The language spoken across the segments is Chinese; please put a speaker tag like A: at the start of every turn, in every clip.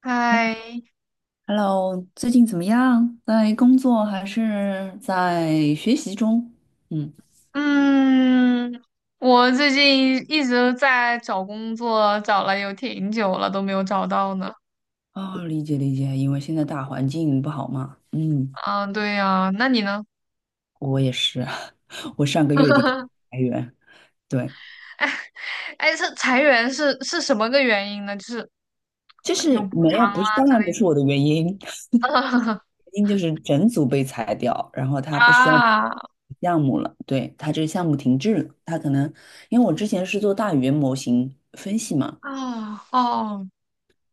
A: 嗨，
B: Hello，最近怎么样？在工作还是在学习中？嗯，
A: 嗯，我最近一直在找工作，找了有挺久了，都没有找到呢。
B: 哦，理解理解，因为现在大环境不好嘛。嗯，
A: 啊，对呀，那你呢？
B: 我也是，我上个月底刚裁员，对，
A: 哎，是裁员是什么个原因呢？就是
B: 就
A: 有
B: 是
A: 补
B: 没
A: 偿
B: 有，不是，
A: 啊
B: 当
A: 之
B: 然不
A: 类
B: 是我的原因，原
A: 的。
B: 因就是整组被裁掉，然后他不需要
A: 啊
B: 项目了，对，他这个项目停滞了，他可能因为我之前是做大语言模型分析嘛。
A: 啊哦，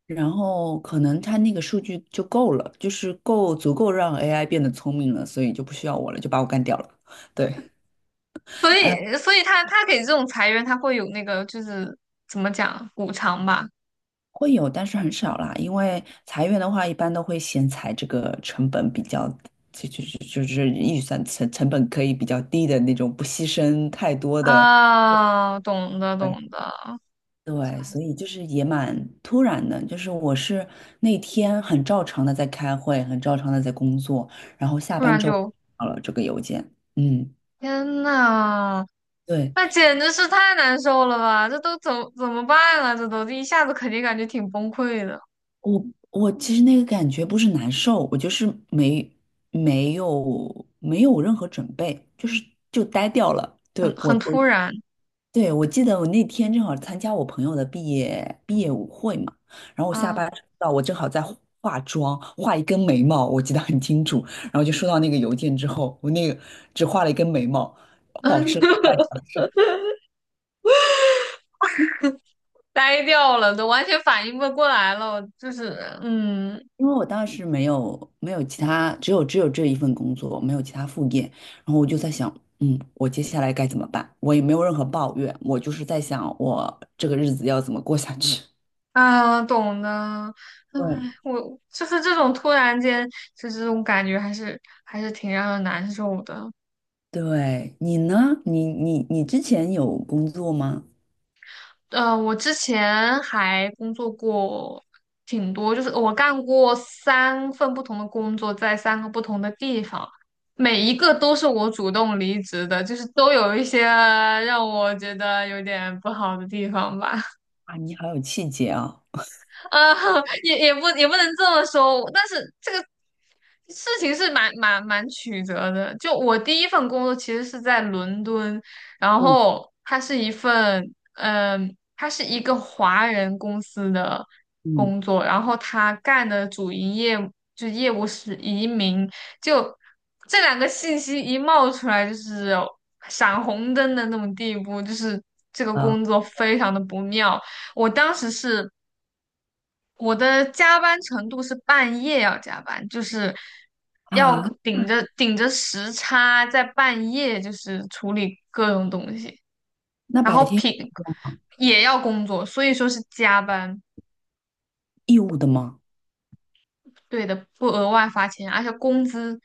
B: 然后可能它那个数据就够了，就是够足够让 AI 变得聪明了，所以就不需要我了，就把我干掉了。对，
A: 所
B: 呃，
A: 以他给这种裁员，他会有那个就是怎么讲补偿吧？
B: 会有，但是很少啦，因为裁员的话，一般都会先裁这个成本比较，就是预算成本可以比较低的那种，不牺牲太多的。
A: 啊，懂的
B: 对
A: 懂的。
B: 对，
A: 哎，
B: 所以就是也蛮突然的，就是我是那天很照常的在开会，很照常的在工作，然后下
A: 突
B: 班
A: 然
B: 之后收
A: 就，
B: 到了这个邮件，嗯。
A: 天呐！
B: 对，
A: 那简直是太难受了吧！这都怎么办啊？这都这一下子肯定感觉挺崩溃的，
B: 我我其实那个感觉不是难受，我就是没没有任何准备，就是就呆掉了。对
A: 很
B: 我
A: 很
B: 我
A: 突然
B: 对我记得我那天正好参加我朋友的毕业舞会嘛，然后我下
A: 啊。
B: 班收到我正好在化妆，画一根眉毛，我记得很清楚。然后就收到那个邮件之后，我那个只画了一根眉毛，保持了一个 半小时。
A: 呆掉了，都完全反应不过来了。就是嗯
B: 因为我当时没有其他，只有这一份工作，没有其他副业，然后我就在想，嗯，我接下来该怎么办？我也没有任何抱怨，我就是在想我这个日子要怎么过下去。
A: 啊，懂的。唉，
B: 对
A: 我就是这种突然间就这种感觉，还是还是挺让人难受的。
B: 对，你呢？你之前有工作吗？
A: 我之前还工作过挺多，就是我干过三份不同的工作，在三个不同的地方，每一个都是我主动离职的，就是都有一些让我觉得有点不好的地方吧。
B: 啊，你好有气节啊！
A: 呃，也不能这么说，但是这个事情是蛮曲折的。就我第一份工作其实是在伦敦，然
B: 嗯
A: 后它是一份，它是一个华人公司的
B: 嗯
A: 工作，然后他干的主营业就业务是移民，就这两个信息一冒出来，就是闪红灯的那种地步，就是这个
B: 啊
A: 工作非常的不妙。我当时是。我的加班程度是半夜要加班，就是要
B: 啊，
A: 顶着顶着时差，在半夜就是处理各种东西，
B: 那
A: 然
B: 白
A: 后
B: 天有工作吗？
A: 也要工作，所以说是加班。
B: 义务的吗？
A: 对的，不额外发钱，而且工资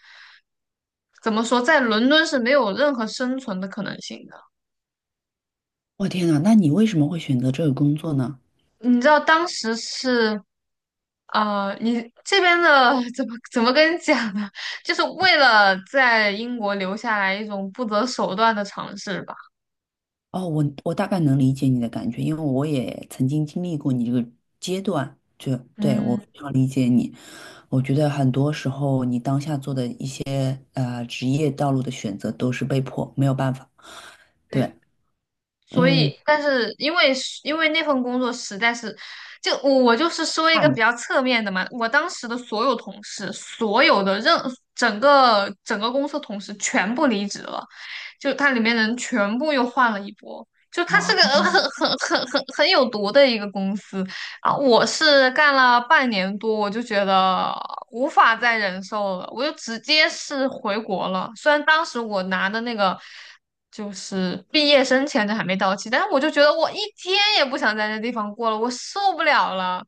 A: 怎么说，在伦敦是没有任何生存的可能性的。
B: 我天呐，那你为什么会选择这个工作呢？
A: 你知道当时是啊，你这边的 怎么跟你讲呢？就是为了在英国留下来一种不择手段的尝试吧。
B: 哦，我大概能理解你的感觉，因为我也曾经经历过你这个阶段，就对，我
A: 嗯，
B: 非常理解你。我觉得很多时候你当下做的一些职业道路的选择都是被迫，没有办法。
A: 对，
B: 对，
A: 所
B: 嗯，
A: 以，但是因为那份工作实在是，就我就是说一
B: 看
A: 个比
B: 了
A: 较侧面的嘛，我当时的所有同事，所有的任整个公司同事全部离职了，就它里面人全部又换了一波，就它
B: 哦，
A: 是个很有毒的一个公司。啊，我是干了半年多，我就觉得无法再忍受了，我就直接是回国了。虽然当时我拿的那个就是毕业生签证还没到期，但是我就觉得我一天也不想在那地方过了，我受不了了，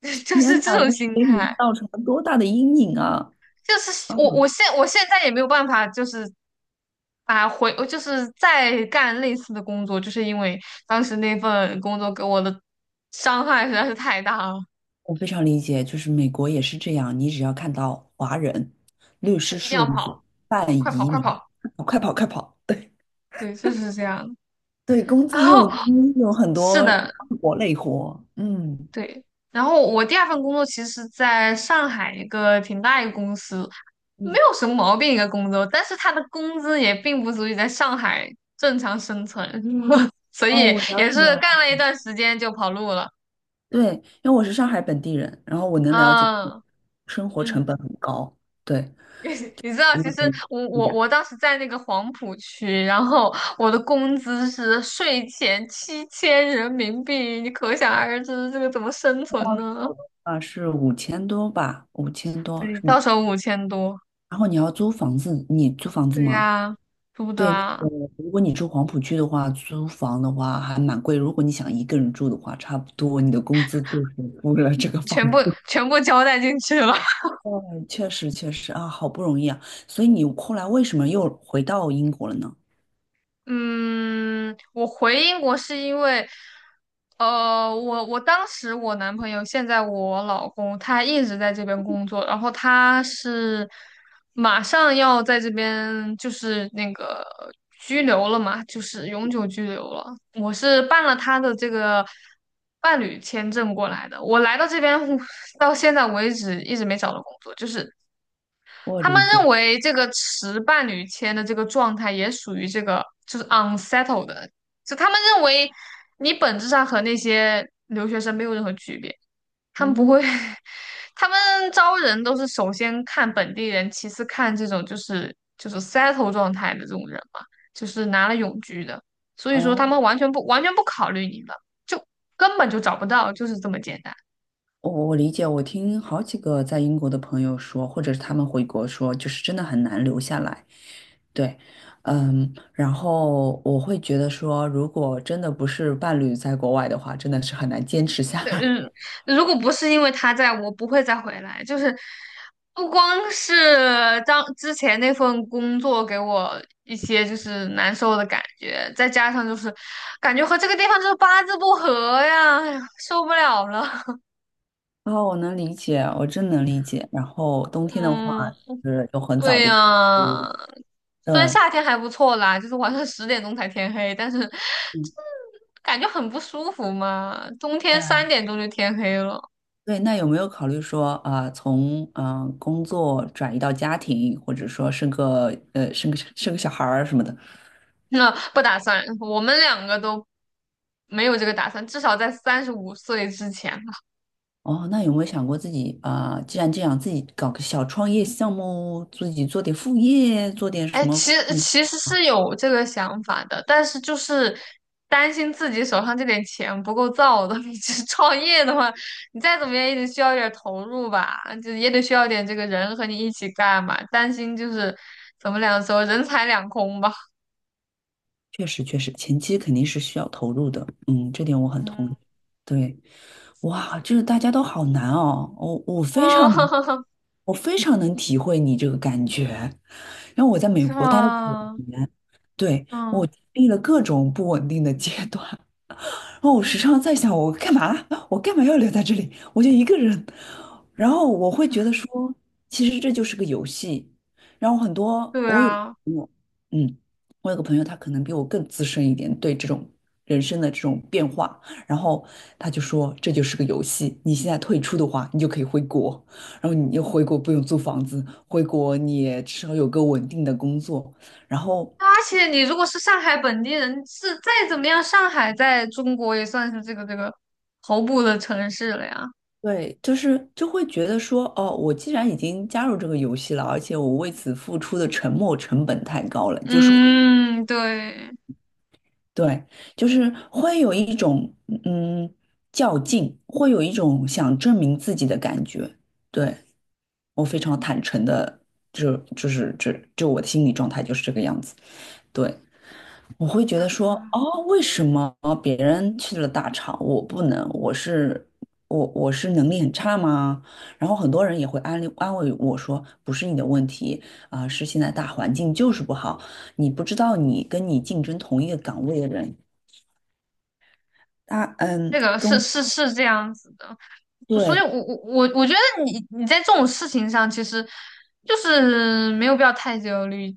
A: 就
B: 天
A: 是这
B: 哪，
A: 种
B: 这是
A: 心
B: 给
A: 态。
B: 你造成了多大的阴影啊！
A: 就是我，
B: 嗯，
A: 我现在也没有办法，就是就是再干类似的工作，就是因为当时那份工作给我的伤害实在是太大了，
B: 我非常理解，就是美国也是这样，你只要看到华人律
A: 就
B: 师
A: 一定
B: 事
A: 要
B: 务所
A: 跑。
B: 办
A: 快跑
B: 移
A: 快
B: 民，
A: 跑！
B: 快跑快跑！对。
A: 对，就是这样。
B: 对，工
A: 然
B: 资又
A: 后
B: 低，有很
A: 是
B: 多
A: 的，
B: 苦活累活。嗯
A: 对。然后我第二份工作其实是在上海一个挺大一个公司，没
B: 嗯，
A: 有什么毛病一个工作，但是他的工资也并不足以在上海正常生存，所
B: 哦，
A: 以
B: 我了
A: 也
B: 解
A: 是干
B: 了。
A: 了一段时间就跑路了。
B: 对，因为我是上海本地人，然后我能了解
A: 嗯
B: 生活成本很
A: 嗯。
B: 高。对，
A: 你知道，
B: 我
A: 其
B: 有
A: 实
B: 点
A: 我
B: 低
A: 我
B: 的，
A: 我当时在那个黄浦区，然后我的工资是税前7000人民币，你可想而知这个怎么生存呢？
B: 我的话是五千多吧，五千多
A: 对，
B: 是吗？
A: 到手5000多。
B: 然后你要租房子，你租房子
A: 对
B: 吗？
A: 呀，租的
B: 对，那
A: 啊，
B: 个如果你住黄浦区的话，租房的话还蛮贵。如果你想一个人住的话，差不多你的工资就是付了这个房
A: 全部交代进去了。
B: 哦，确实确实啊，好不容易啊，所以你后来为什么又回到英国了呢？
A: 嗯，我回英国是因为，我当时我男朋友，现在我老公，他一直在这边工作，然后他是马上要在这边就是那个拘留了嘛，就是永久拘留了。我是办了他的这个伴侣签证过来的，我来到这边 到现在为止一直没找到工作，就是
B: 我
A: 他们
B: 理解，
A: 认为这个持伴侣签的这个状态也属于这个就是 unsettled 的，就他们认为你本质上和那些留学生没有任何区别，他们不
B: 嗯，
A: 会，他们招人都是首先看本地人，其次看这种就是 settle 状态的这种人嘛，就是拿了永居的，所以说
B: 啊，
A: 他们完全不考虑你了，就根本就找不到，就是这么简单。
B: 我理解，我听好几个在英国的朋友说，或者是他们回国说，就是真的很难留下来。对，嗯，然后我会觉得说，如果真的不是伴侣在国外的话，真的是很难坚持下来。
A: 嗯，如果不是因为他在，我不会再回来。就是不光是当之前那份工作给我一些就是难受的感觉，再加上就是感觉和这个地方就是八字不合呀，哎呀，受不了了。
B: 哦，我能理解，我真能理解。然后冬天的话，
A: 嗯，
B: 是又很早
A: 对
B: 就，嗯，
A: 呀，虽然
B: 对。
A: 夏天还不错啦，就是晚上10点钟才天黑，但是 就
B: 嗯
A: 是感觉很不舒服嘛。冬天三
B: 对
A: 点钟就天黑了。
B: 对，那有没有考虑说啊、从嗯、工作转移到家庭，或者说生个生个小孩儿什么的？
A: 那不打算，我们两个都没有这个打算，至少在35岁之前吧。
B: 哦，那有没有想过自己啊、既然这样，自己搞个小创业项目，自己做点副业，做点
A: 哎，
B: 什么？
A: 其实是有这个想法的，但是就是担心自己手上这点钱不够造的。你这创业的话，你再怎么样也得需要一点儿投入吧，就也得需要点这个人和你一起干嘛。担心就是怎么两说，人财两空吧。
B: 确实，确实，前期肯定是需要投入的，嗯，这点我很
A: 嗯，
B: 同意。对，哇，就是大家都好难哦，我 非常能，
A: 哦，
B: 我非常能体会你这个感觉。然后我在美
A: 是
B: 国待了九
A: 吗？
B: 年，对，我
A: 嗯，
B: 经历了各种不稳定的阶段，然后我时常在想，我干嘛？我干嘛要留在这里？我就一个人。然后我会觉得说，其实这就是个游戏。然后很多
A: 对
B: 我有
A: 啊。
B: 朋友，嗯，我有个朋友，他可能比我更资深一点，对这种人生的这种变化，然后他就说这就是个游戏。你现在退出的话，你就可以回国，然后你又回国不用租房子，回国你也至少有个稳定的工作，然后。
A: 而且你如果是上海本地人，是再怎么样，上海在中国也算是这个头部的城市了呀。
B: 对，就是就会觉得说，哦，我既然已经加入这个游戏了，而且我为此付出的沉没成本太高了，就是会，
A: 嗯，对，
B: 对，就是会有一种嗯较劲，会有一种想证明自己的感觉。对，我非常坦诚的，就是这就我的心理状态就是这个样子。对。我会觉得说，哦，为什么别人去了大厂，我不能？我是我是能力很差吗？然后很多人也会安利安慰我说，不是你的问题啊，是现在大环境就是不好，你不知道你跟你竞争同一个岗位的人，他嗯，
A: 这个是这样子的，就所以
B: 对
A: 我觉得你在这种事情上，其实就是没有必要太焦虑。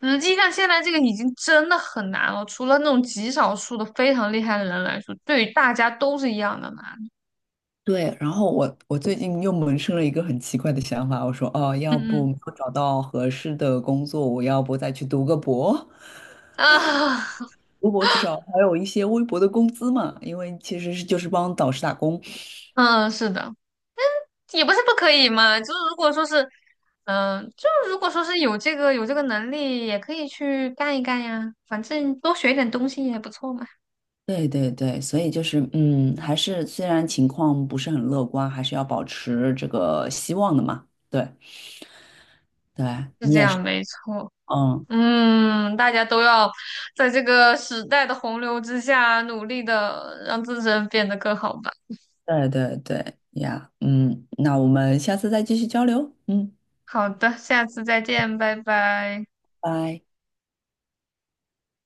A: 实际上，现在这个已经真的很难了，除了那种极少数的非常厉害的人来说，对于大家都是一样的难。
B: 对。然后我最近又萌生了一个很奇怪的想法，我说，哦，要不
A: 嗯
B: 我找到合适的工作，我要不再去读个博？
A: 嗯啊，
B: 微博至少还有一些微薄的工资嘛，因为其实是就是帮导师打工。
A: 嗯，是的。也不是不可以嘛，就是如果说是，就是如果说是有这个能力，也可以去干一干呀，反正多学一点东西也不错嘛，
B: 对对对，所以就是嗯，还是虽然情况不是很乐观，还是要保持这个希望的嘛。对对，
A: 是
B: 你
A: 这
B: 也是，
A: 样，没错。
B: 嗯，
A: 嗯，大家都要在这个时代的洪流之下，努力的让自身变得更好吧。
B: 对对对呀，嗯，那我们下次再继续交流，嗯，
A: 好的，下次再见，拜拜。
B: 拜。